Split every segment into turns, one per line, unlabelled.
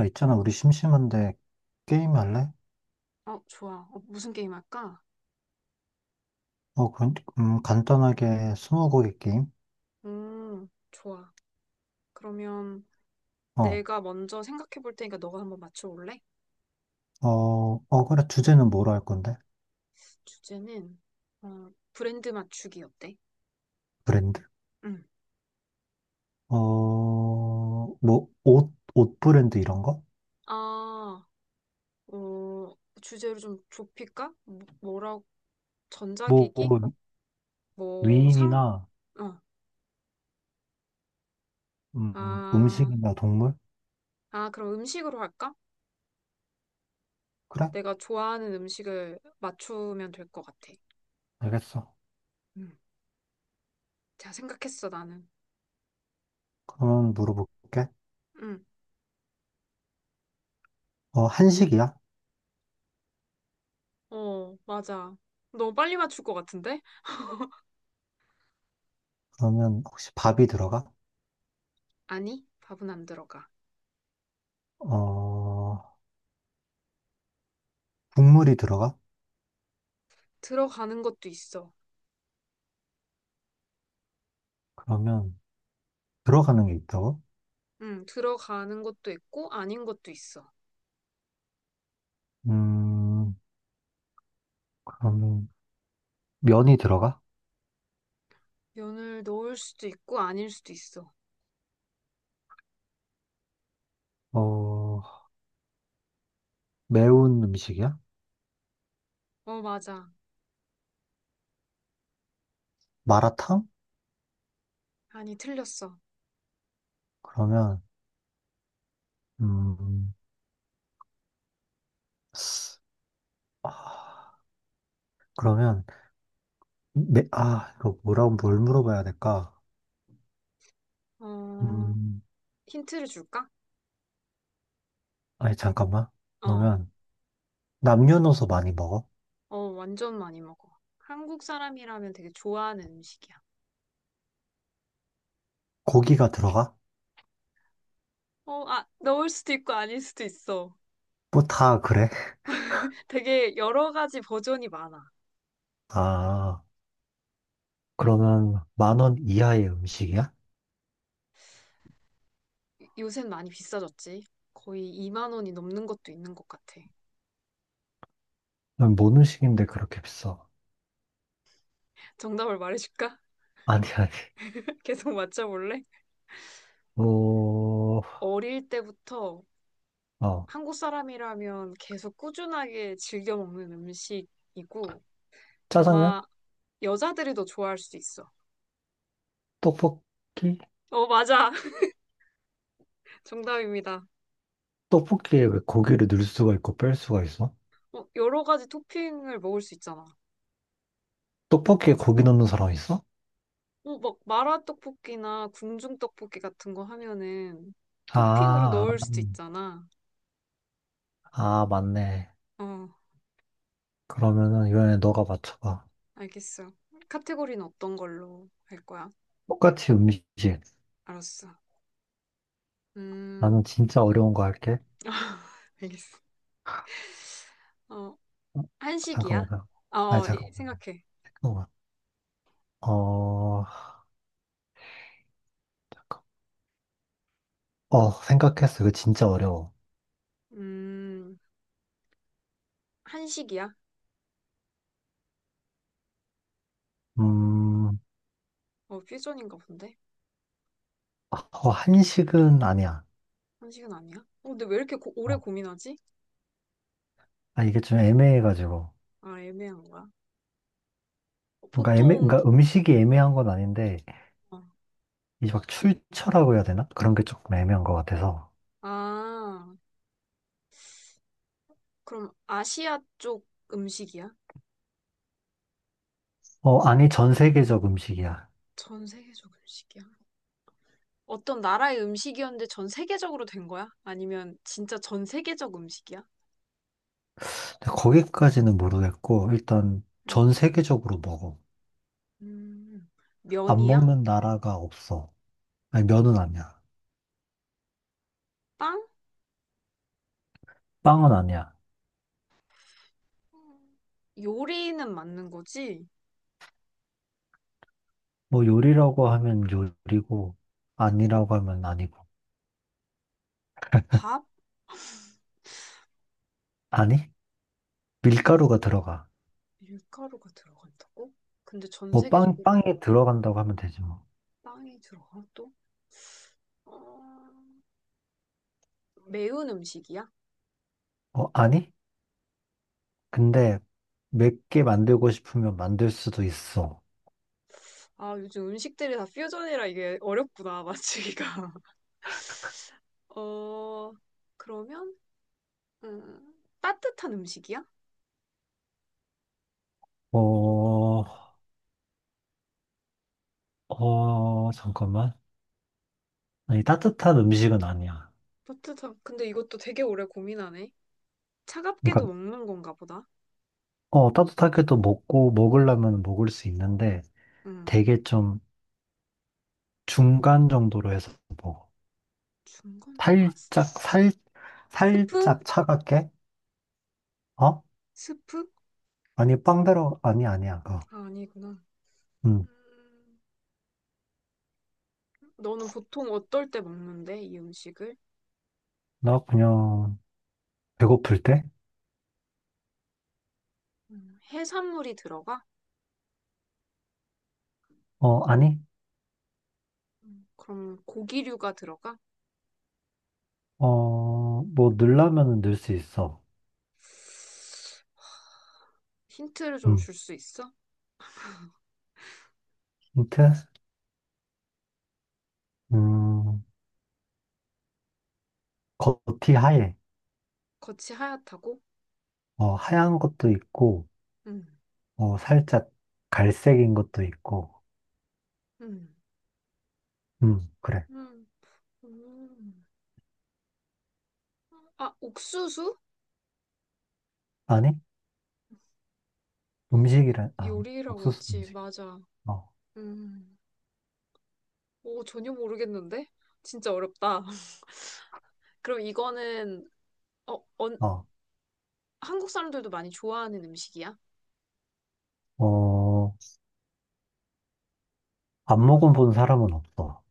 야, 있잖아, 우리 심심한데 게임 할래?
어, 좋아. 무슨 게임 할까?
어, 그, 간단하게 스무고개 게임?
좋아. 그러면
어,
내가 먼저 생각해 볼 테니까 너가 한번 맞춰 볼래?
그래, 주제는 뭐로 할 건데?
주제는 브랜드 맞추기 어때?
브랜드?
응.
뭐, 옷 브랜드 이런 거?
아, 주제를 좀 좁힐까? 뭐라고
뭐,
전자기기? 뭐 상?
위인이나,
어. 아,
음식이나 동물?
그럼 음식으로 할까?
그래?
내가 좋아하는 음식을 맞추면 될 것 같아.
알겠어.
음. 자, 생각했어, 나는.
그러면 물어볼게.
응.
한식이야?
어, 맞아. 너무 빨리 맞출 것 같은데?
그러면 혹시 밥이 들어가?
아니, 밥은 안 들어가.
어, 국물이 들어가?
들어가는 것도 있어.
그러면 들어가는 게 있다고?
응, 들어가는 것도 있고, 아닌 것도 있어.
음, 그러면 면이 들어가?
면을 넣을 수도 있고, 아닐 수도 있어.
어, 매운 음식이야?
어, 맞아.
마라탕?
아니, 틀렸어.
그러면, 음, 아, 그러면, 이거 뭐라고, 뭘 물어봐야 될까?
어,
음,
힌트를 줄까?
아니,
되-
잠깐만.
어,
그러면, 남녀노소 많이 먹어?
어, 완전 많이 먹어. 한국 사람이라면 되게 좋아하는 음식이야.
고기가 들어가?
넣을 수도 있고, 아닐 수도 있어.
뭐 다 그래?
되게 여러 가지 버전이 많아.
아, 그러면, 10,000원 이하의 음식이야?
요새 많이 비싸졌지? 거의 2만 원이 넘는 것도 있는 것 같아.
그럼 뭔 음식인데 그렇게 비싸?
정답을 말해줄까?
아니, 아니.
계속 맞춰볼래?
어,
어릴 때부터
어,
한국 사람이라면 계속 꾸준하게 즐겨 먹는 음식이고
짜장면?
아마 여자들이 더 좋아할 수도 있어.
떡볶이?
어, 맞아. 정답입니다.
떡볶이에 왜 고기를 넣을 수가 있고 뺄 수가 있어?
여러 가지 토핑을 먹을 수 있잖아.
떡볶이에 고기 넣는 사람 있어?
막 마라 떡볶이나 궁중 떡볶이 같은 거 하면은 토핑으로
아,
넣을
아,
수도 있잖아.
맞네.
어,
그러면은 이번에 너가 맞춰봐.
알겠어. 카테고리는 어떤 걸로 할 거야?
똑같이 음식.
알았어. 음,
나는 진짜 어려운 거 할게.
알겠어. 어,
어, 잠깐만.
한식이야?
잠깐만.
생각해.
잠깐만. 어, 잠깐. 생각했어. 이거 진짜 어려워.
음, 한식이야?
음,
퓨전인가 본데?
한식은 아니야.
한식은 아니야? 근데 왜 이렇게 오래
어,
고민하지?
이게 좀 애매해가지고.
아, 애매한 거야. 보통,
그러니까 음식이 애매한 건 아닌데,
어.
이제 막 출처라고 해야 되나? 그런 게 조금 애매한 것 같아서.
아, 그럼 아시아 쪽 음식이야?
아니, 전 세계적 음식이야.
전 세계적 음식이야? 어떤 나라의 음식이었는데 전 세계적으로 된 거야? 아니면 진짜 전 세계적 음식이야?
근데 거기까지는 모르겠고, 일단
음,
전 세계적으로 먹어.
음,
안
면이야?
먹는 나라가 없어. 아니, 면은 아니야.
빵?
빵은 아니야.
요리는 맞는 거지?
뭐 요리라고 하면 요리고, 아니라고 하면 아니고.
밥?
아니? 밀가루가 들어가.
밀가루가 들어간다고? 근데 전
뭐 빵,
세계적으로
빵이
먹고
들어간다고 하면 되지 뭐.
빵이 들어가 또? 어, 매운 음식이야?
아니? 근데 맵게 만들고 싶으면 만들 수도 있어.
아, 요즘 음식들이 다 퓨전이라 이게 어렵구나, 맞추기가. 어, 그러면, 따뜻한 음식이야?
어, 잠깐만. 아니, 따뜻한 음식은 아니야.
따뜻한, 근데 이것도 되게 오래 고민하네. 차갑게도
그러니까,
먹는 건가 보다.
따뜻하게도 먹고, 먹으려면 먹을 수 있는데,
음,
되게 좀 중간 정도로 해서 먹어.
중간,
살짝, 살,
스프?
살짝 차갑게? 어?
스프?
아니, 빵대로, 아니, 아니야, 그거.
아, 아니구나.
응.
음, 너는 보통 어떨 때 먹는데, 이 음식을?
나 그냥, 배고플 때?
해산물이 들어가?
아니?
그럼 고기류가 들어가?
뭐, 넣으려면은 넣을 수 있어.
힌트를 좀
음,
줄 수 있어?
힌트? 음, 겉이 하얘.
겉이 하얗다고?
하얀 것도 있고,
음,
살짝 갈색인 것도 있고,
음,
그래.
음, 음. 아, 옥수수?
아니?
요,
음식이란,
요리라고
옥수수
했지.
음식.
맞아.
어,
음. 오, 전혀 모르겠는데? 진짜 어렵다. 그럼 이거는, 어, 언-
어,
한국 사람들도 많이 좋아하는 음식이야?
어. 안 먹어본 사람은 없어.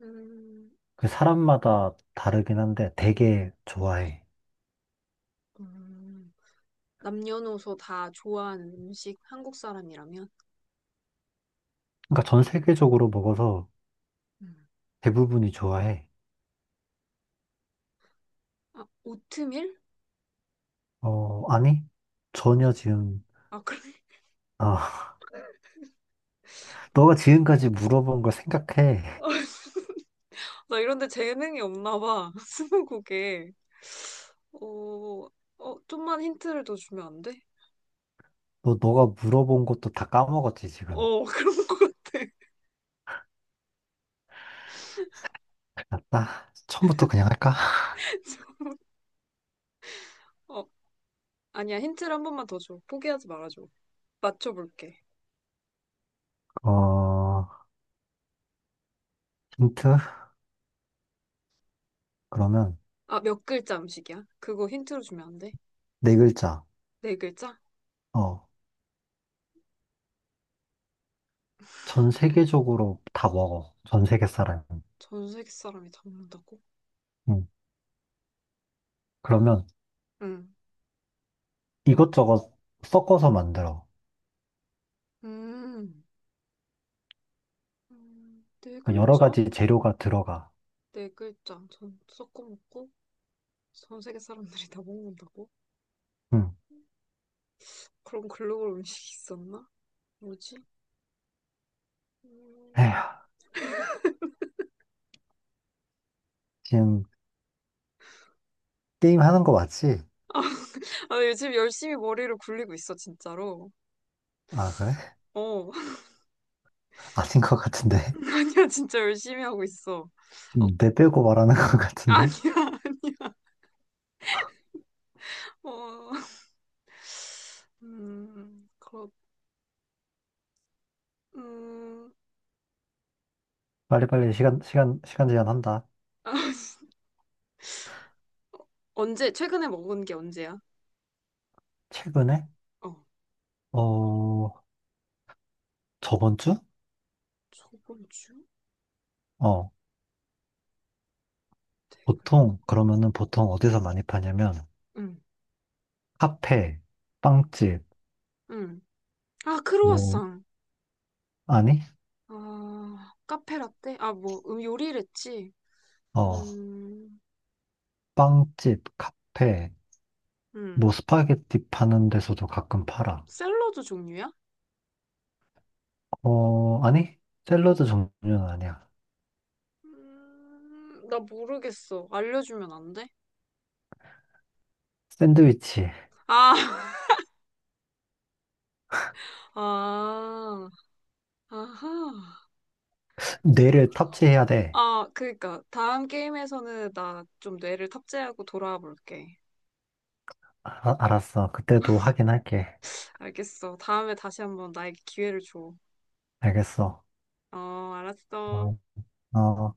음,
그 사람마다 다르긴 한데 되게 좋아해.
음. 남녀노소 다 좋아하는 음식, 한국 사람이라면?
그러니까 전 세계적으로 먹어서
음.
대부분이 좋아해.
아, 오트밀?
아니? 전혀
비-
지금,
아, 그래.
아, 너가 지금까지 물어본 걸 생각해.
나 이런데 재능이 없나 봐. 스무고개. 어, 좀만 힌트를 더 주면 안 돼?
너가 물어본 것도 다 까먹었지, 지금.
그런 것 같아.
맞다. 처음부터 그냥 할까?
어, 아니야. 힌트를 한 번만 더 줘. 포기하지 말아줘. 맞춰볼게.
어, 힌트? 그러면
아, 몇 글자 음식이야? 그거 힌트로 주면 안 돼?
네 글자.
네 글자?
어, 전 세계적으로 다 먹어. 전 세계 사람.
전 세계 사람이 다 먹는다고?
응. 그러면
응.
이것저것 섞어서 만들어.
음, 네
그 여러
글자?
가지 재료가 들어가.
네 글자. 전 섞어 먹고 전 세계 사람들이 다 먹는다고?
응.
그런 글로벌 음식이 있었나? 뭐지? 음,
에휴, 지금 게임 하는 거 맞지?
아, 요즘 열심히 머리를 굴리고 있어, 진짜로.
아, 그래?
어,
아닌 것 같은데.
아니야, 진짜 열심히 하고 있어.
지금
어,
내빼고 말하는 것 같은데.
아니야, 아니야. 어, 음, 그렇, 음,
빨리빨리 시간, 시간, 시간 제한한다.
아, 최근에 먹은 게 언제야?
최근에?
어,
어, 저번 주?
저번 주?
어,
되게.
보통, 그러면은 보통 어디서 많이 파냐면,
응,
카페, 빵집,
응. 아,
뭐,
크로와상.
아니?
아, 카페라떼? 요리를 했지.
어,
음,
빵집, 카페, 뭐,
음.
스파게티 파는 데서도 가끔 팔아.
샐러드 종류야?
아니? 샐러드 종류는 아니야.
나 모르겠어. 알려주면 안 돼?
샌드위치.
아, 아, 아하.
뇌를 탑재해야 돼.
아, 그니까. 다음 게임에서는 나 좀 뇌를 탑재하고 돌아와 볼게.
아, 알았어. 그때도 하긴 할게.
알겠어. 다음에 다시 한번 나에게 기회를 줘.
알겠어.
어, 알았어.
어, 어.